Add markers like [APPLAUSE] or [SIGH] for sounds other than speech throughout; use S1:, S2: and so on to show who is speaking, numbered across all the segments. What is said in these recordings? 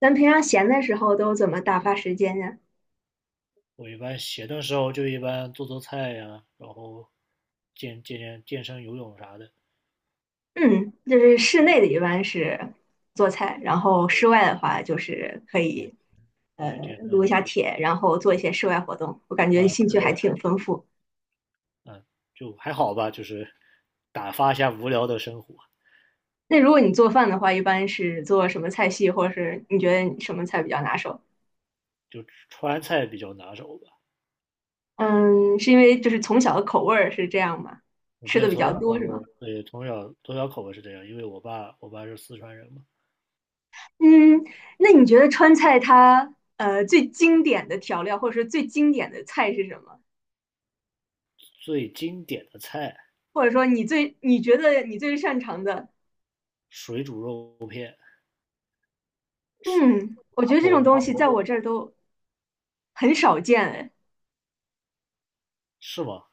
S1: 咱平常闲的时候都怎么打发时间呀？
S2: 我一般闲的时候就一般做做菜呀，然后健身、游泳啥的。
S1: 嗯，就是室内的一般是做菜，然后室外的话就是可
S2: 健
S1: 以呃
S2: 对，健身、
S1: 撸一
S2: 游
S1: 下
S2: 泳
S1: 铁，然后做一些室外活动。我感
S2: 啊
S1: 觉兴
S2: 之
S1: 趣
S2: 类
S1: 还
S2: 的，
S1: 挺丰富。
S2: 就还好吧，就是打发一下无聊的生活。
S1: 那如果你做饭的话，一般是做什么菜系，或者是你觉得你什么菜比较拿手？
S2: 就川菜比较拿手吧。
S1: 嗯，是因为就是从小的口味儿是这样吗？
S2: 嗯
S1: 吃的
S2: 对，
S1: 比
S2: 从
S1: 较
S2: 小口
S1: 多是吗？
S2: 味，对，从小口味是这样，因为我爸是四川人嘛。
S1: 嗯，那你觉得川菜它最经典的调料，或者是最经典的菜是什么？
S2: 最经典的菜，
S1: 或者说你你觉得你最擅长的，
S2: 水煮肉片，水
S1: 嗯，我
S2: 麻
S1: 觉得这
S2: 婆
S1: 种
S2: 麻
S1: 东西
S2: 婆
S1: 在
S2: 豆
S1: 我
S2: 腐
S1: 这儿都很少见哎。
S2: 是吗？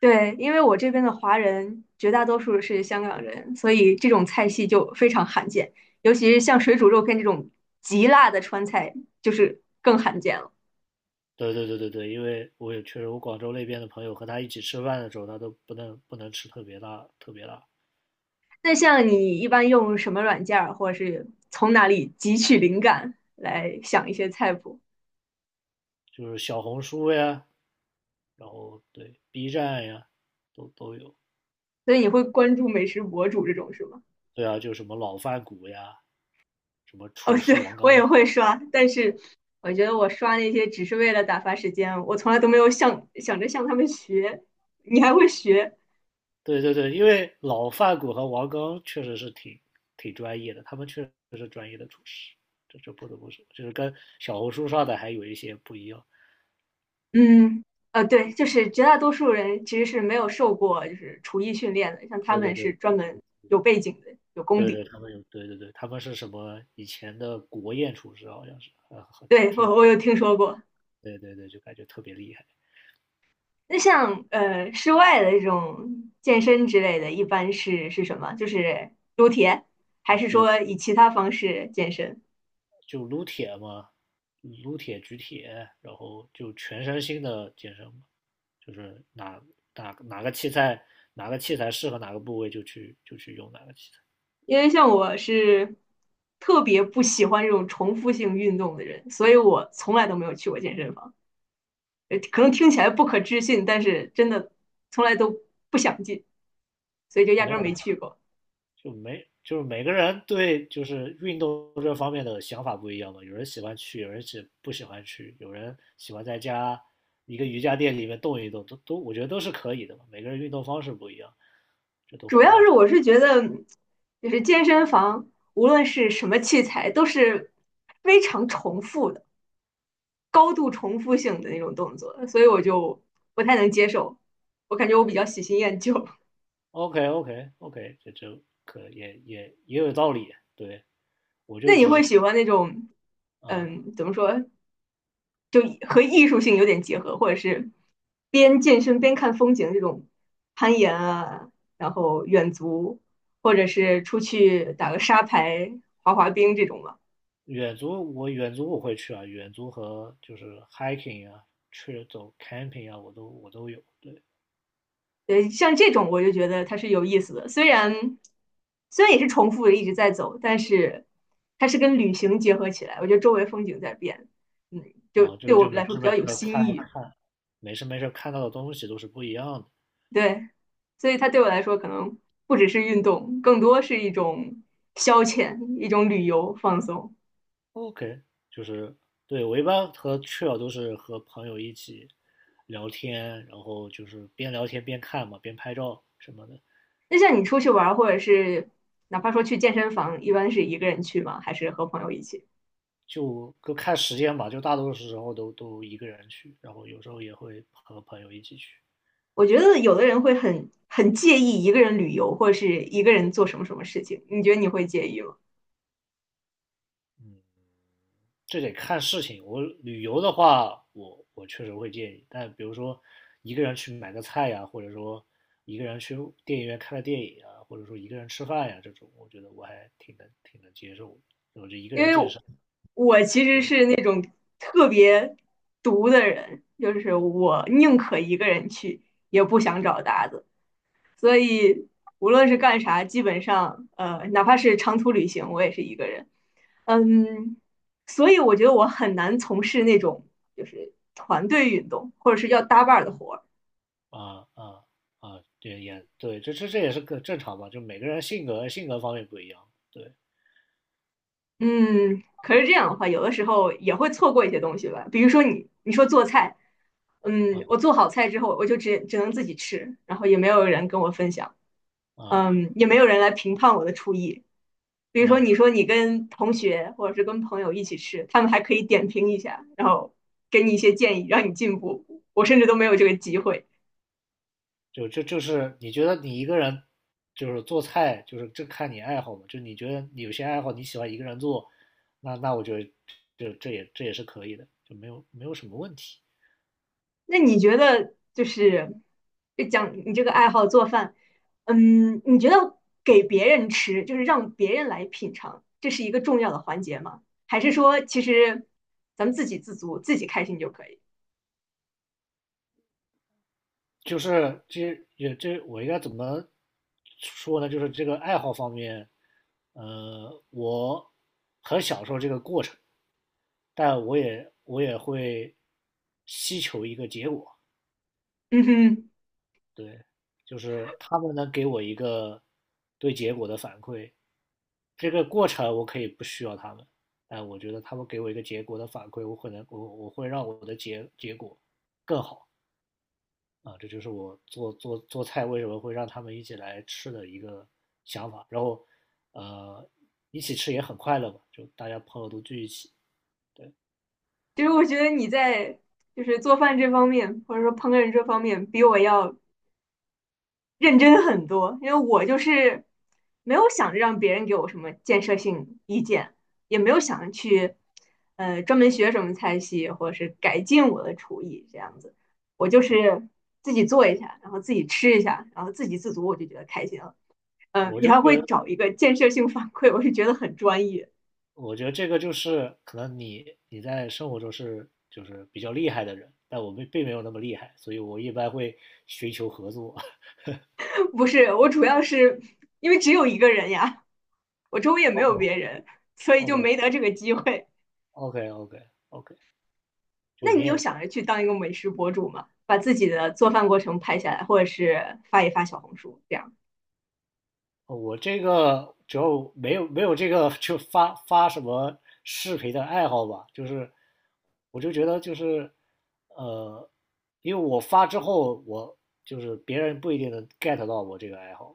S1: 对，因为我这边的华人绝大多数是香港人，所以这种菜系就非常罕见，尤其是像水煮肉片这种极辣的川菜，就是更罕见了。
S2: 对对对对对，因为我也确实，我广州那边的朋友和他一起吃饭的时候，他都不能吃特别辣，特别辣，
S1: 那像你一般用什么软件儿，或者是从哪里汲取灵感来想一些菜谱？
S2: 就是小红书呀，然后对 B 站呀，都有。
S1: 所以你会关注美食博主这种是吗？
S2: 对啊，就什么老饭骨呀，什么
S1: [LAUGHS] 哦，
S2: 厨
S1: 对，
S2: 师王
S1: 我
S2: 刚。
S1: 也会刷，但是我觉得我刷那些只是为了打发时间，我从来都没有想着向他们学。你还会学？
S2: 对对对，因为老饭骨和王刚确实是挺专业的，他们确实是专业的厨师，这不得不说，就是跟小红书上的还有一些不一样。
S1: 嗯，呃，对，就是绝大多数人其实是没有受过就是厨艺训练的，像他
S2: 对对
S1: 们
S2: 对，
S1: 是专门有背景的，有功
S2: 对
S1: 底
S2: 对，
S1: 的。
S2: 他们有，对对对，他们是什么以前的国宴厨师好像是。
S1: 对，我我有听说过。
S2: 对对对，就感觉特别厉害。
S1: 那像室外的这种健身之类的，一般是什么？就是撸铁，还是
S2: 对，
S1: 说以其他方式健身？
S2: 就撸铁嘛，撸铁、举铁，然后就全身心的健身嘛，就是哪哪个器材哪个器材适合哪个部位就去用哪个器材，
S1: 因为像我是特别不喜欢这种重复性运动的人，所以我从来都没有去过健身房。呃可能听起来不可置信，但是真的从来都不想进，所以就压
S2: 没
S1: 根儿没
S2: 有
S1: 去过。
S2: 就没就是每个人对就是运动这方面的想法不一样嘛，有人喜欢去，有人喜不喜欢去，有人喜欢在家一个瑜伽垫里面动一动，都我觉得都是可以的嘛，每个人运动方式不一样，这都
S1: 主
S2: 很
S1: 要
S2: 正
S1: 是
S2: 常。
S1: 我是觉得，就是健身房无论是什么器材，都是非常重复的、高度重复性的那种动作，所以我就不太能接受。我感觉我比较喜新厌旧。
S2: OK， OK， OK，这可也有道理。对，我
S1: [LAUGHS] 那
S2: 就
S1: 你
S2: 只是
S1: 会喜欢那种，
S2: 啊，
S1: 嗯，怎么说，就和艺术性有点结合，或者是边健身边看风景这种攀岩啊，然后远足，或者是出去打个沙排、滑滑冰这种吧。
S2: 远足我会去啊，远足和就是 hiking 啊，去走 camping 啊，我都有。对
S1: 对，像这种我就觉得它是有意思的，虽然也是重复的一直在走，但是它是跟旅行结合起来，我觉得周围风景在变，嗯，就
S2: 啊，这
S1: 对
S2: 个就
S1: 我
S2: 没
S1: 来说
S2: 事
S1: 比
S2: 没
S1: 较有
S2: 事
S1: 新
S2: 看
S1: 意。
S2: 看，没事没事看到的东西都是不一样的。
S1: 对，所以它对我来说可能不只是运动，更多是一种消遣，一种旅游放松。
S2: OK，就是对我一般和去了都是和朋友一起聊天，然后就是边聊天边看嘛，边拍照什么的。
S1: 那像你出去玩儿，或者是哪怕说去健身房，一般是一个人去吗？还是和朋友一起？
S2: 就看时间吧，就大多数时候都一个人去，然后有时候也会和朋友一起去，
S1: 我觉得有的人会很介意一个人旅游，或者是一个人做什么什么事情。你觉得你会介意吗？
S2: 这得看事情。我旅游的话，我确实会建议，但比如说一个人去买个菜呀，或者说一个人去电影院看个电影啊，或者说一个人吃饭呀，这种我觉得我还挺能接受的我就一个
S1: 因
S2: 人健
S1: 为
S2: 身，
S1: 我其实是
S2: 对
S1: 那特别独的人，就是我宁可一个人去，也不想找搭子。所以无论是干啥，基本上，哪怕是长途旅行，我也是一个人。嗯，所以我觉得我很难从事那种就是团队运动或者是要搭伴儿的活儿。
S2: 啊啊啊，对也对，这也是个正常吧，就每个人性格方面不一样，对
S1: 嗯，可是这样的话，有的时候也会错过一些东西吧。比如说你说做菜，嗯，我做好菜之后，我就只能自己吃，然后也没有人跟我分享，
S2: 啊
S1: 嗯，也没有人来评判我的厨艺。比如说
S2: 啊。
S1: 你说你跟同学或者是跟朋友一起吃，他们还可以点评一下，然后给你一些建议，让你进步。我甚至都没有这个机会。
S2: 就这就是你觉得你一个人就是做菜，就是这看你爱好嘛。就你觉得你有些爱好你喜欢一个人做，那我觉得这也是可以的，就没有什么问题。
S1: 那你觉得就是就讲你这个爱好做饭，嗯，你觉得给别人吃，就是让别人来品尝，这是一个重要的环节吗？还是说其实咱们自给自足，自己开心就可以？
S2: 就是这也这我应该怎么说呢？就是这个爱好方面，我很享受这个过程，但我也会希求一个结果。
S1: 嗯哼，
S2: 对，就是他们能给我一个对结果的反馈，这个过程我可以不需要他们，但我觉得他们给我一个结果的反馈，我可能我会让我的结果更好啊，这就是我做菜为什么会让他们一起来吃的一个想法。然后，呃，一起吃也很快乐嘛，就大家朋友都聚一起，
S1: 就是我觉得你在就是做饭这方面，或者说烹饪这方面，比我要认真很多，因为我就是没有想着让别人给我什么建设性意见，也没有想着去专门学什么菜系或者是改进我的厨艺这样子，我就是自己做一下，然后自己吃一下，然后自给自足，我就觉得开心了。嗯、
S2: 我
S1: 你
S2: 就
S1: 还
S2: 觉
S1: 会
S2: 得
S1: 找一个建设性反馈，我是觉得很专业。
S2: 我觉得这个就是可能你在生活中是就是比较厉害的人，但我并没有那么厉害，所以我一般会寻求合作。[LAUGHS]
S1: [LAUGHS] 不是，我主要是因为只有一个人呀，我周围也没
S2: OK，
S1: 有别人，所以就
S2: OK，
S1: 没得这个机会。
S2: OK， OK， OK。[LAUGHS] 就
S1: 那
S2: 你
S1: 你有
S2: 也，
S1: 想着去当一个美食博主吗？把自己的做饭过程拍下来，或者是发一发小红书这样？
S2: 我这个主要没有这个就发发什么视频的爱好吧，就是我就觉得就是呃，因为我发之后，我就是别人不一定能 get 到我这个爱好，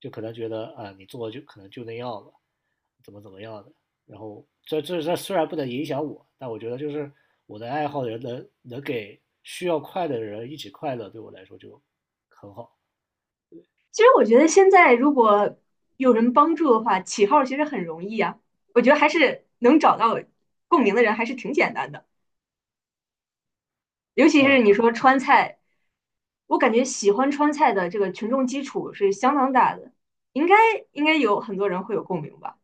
S2: 就可能觉得啊、你做就可能就那样了，怎么样的。然后这虽然不能影响我，但我觉得就是我的爱好人能给需要快乐的人一起快乐，对我来说就很好。
S1: 其实我觉得现在如果有人帮助的话，起号其实很容易啊。我觉得还是能找到共鸣的人还是挺简单的，尤其
S2: 呃，
S1: 是你说川菜，我感觉喜欢川菜的这个群众基础是相当大的，应该应该有很多人会有共鸣吧？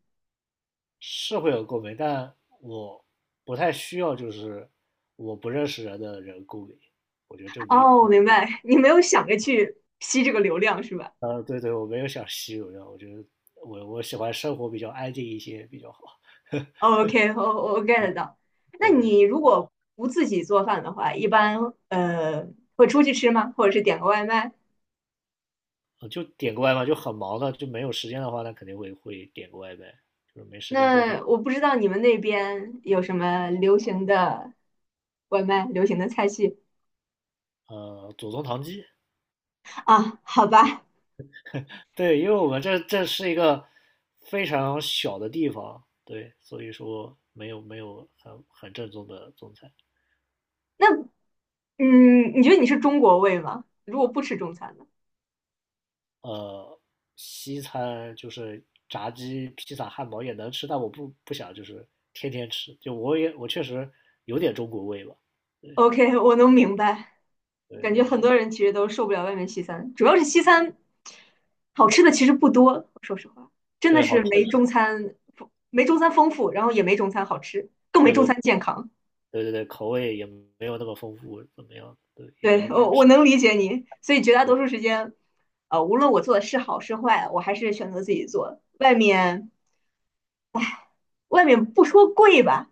S2: 是会有共鸣，但我不太需要，就是我不认识人的人共鸣，我觉得这没，
S1: 哦，我明白，你没有想着去吸这个流量是吧？
S2: 对对，我没有想吸引人，我觉得我喜欢生活比较安静一些比较好，[LAUGHS]
S1: OK，我我 get 到。那
S2: 对对对，
S1: 你如果不自己做饭的话，一般会出去吃吗？或者是点个外卖？
S2: 就点个外卖，就很忙的，就没有时间的话，那肯定会点个外卖，就是没时间做饭，
S1: 那我不知道你们那边有什么流行的外卖、流行的菜系
S2: 祖宗堂鸡，
S1: 啊？好吧，
S2: 对，因为我们这是一个非常小的地方，对，所以说没有很正宗的中餐。
S1: 那嗯，你觉得你是中国胃吗？如果不吃中餐呢
S2: 呃，西餐就是炸鸡、披萨、汉堡也能吃，但我不想就是天天吃，就我也我确实有点中国味吧，对
S1: ？OK，我能明白。
S2: 对
S1: 感觉
S2: 对
S1: 很
S2: 对
S1: 多人其实都受不了外面西餐，主要是西餐好吃的其实不多，说实话，真的
S2: 对，好
S1: 是
S2: 吃，
S1: 没中餐丰富，然后也没中餐好吃，更没
S2: 对
S1: 中
S2: 对
S1: 餐健康。
S2: 对对对，口味也没有那么丰富，怎么样？对，也没
S1: 对，
S2: 那么好
S1: 我
S2: 吃，
S1: 能理解你，所以绝大
S2: 对
S1: 多数时间，呃，无论我做的是好是坏，我还是选择自己做。外面不说贵吧，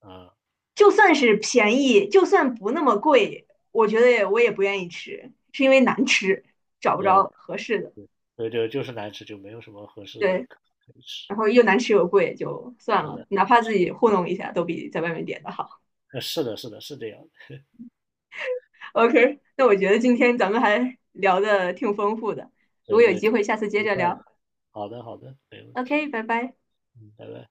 S2: 啊，
S1: 就算是便宜，就算不那么贵，我觉得我也不愿意吃，是因为难吃，找不
S2: 对啊，
S1: 着合适的。
S2: 对对，就是难吃，就没有什么合适的
S1: 对，
S2: 可以吃，
S1: 然后又难吃又贵，就算
S2: 是
S1: 了，
S2: 的，
S1: 哪怕自己糊弄一下，都比在外面点的好。
S2: 是的，是的，是这样的，
S1: OK，那我觉得今天咱们还聊的挺丰富的，如果
S2: 对
S1: 有
S2: 对，
S1: 机
S2: 挺
S1: 会，下次接
S2: 愉
S1: 着
S2: 快
S1: 聊。
S2: 的，好的好的，没问题，
S1: OK，拜拜。
S2: 嗯，拜拜。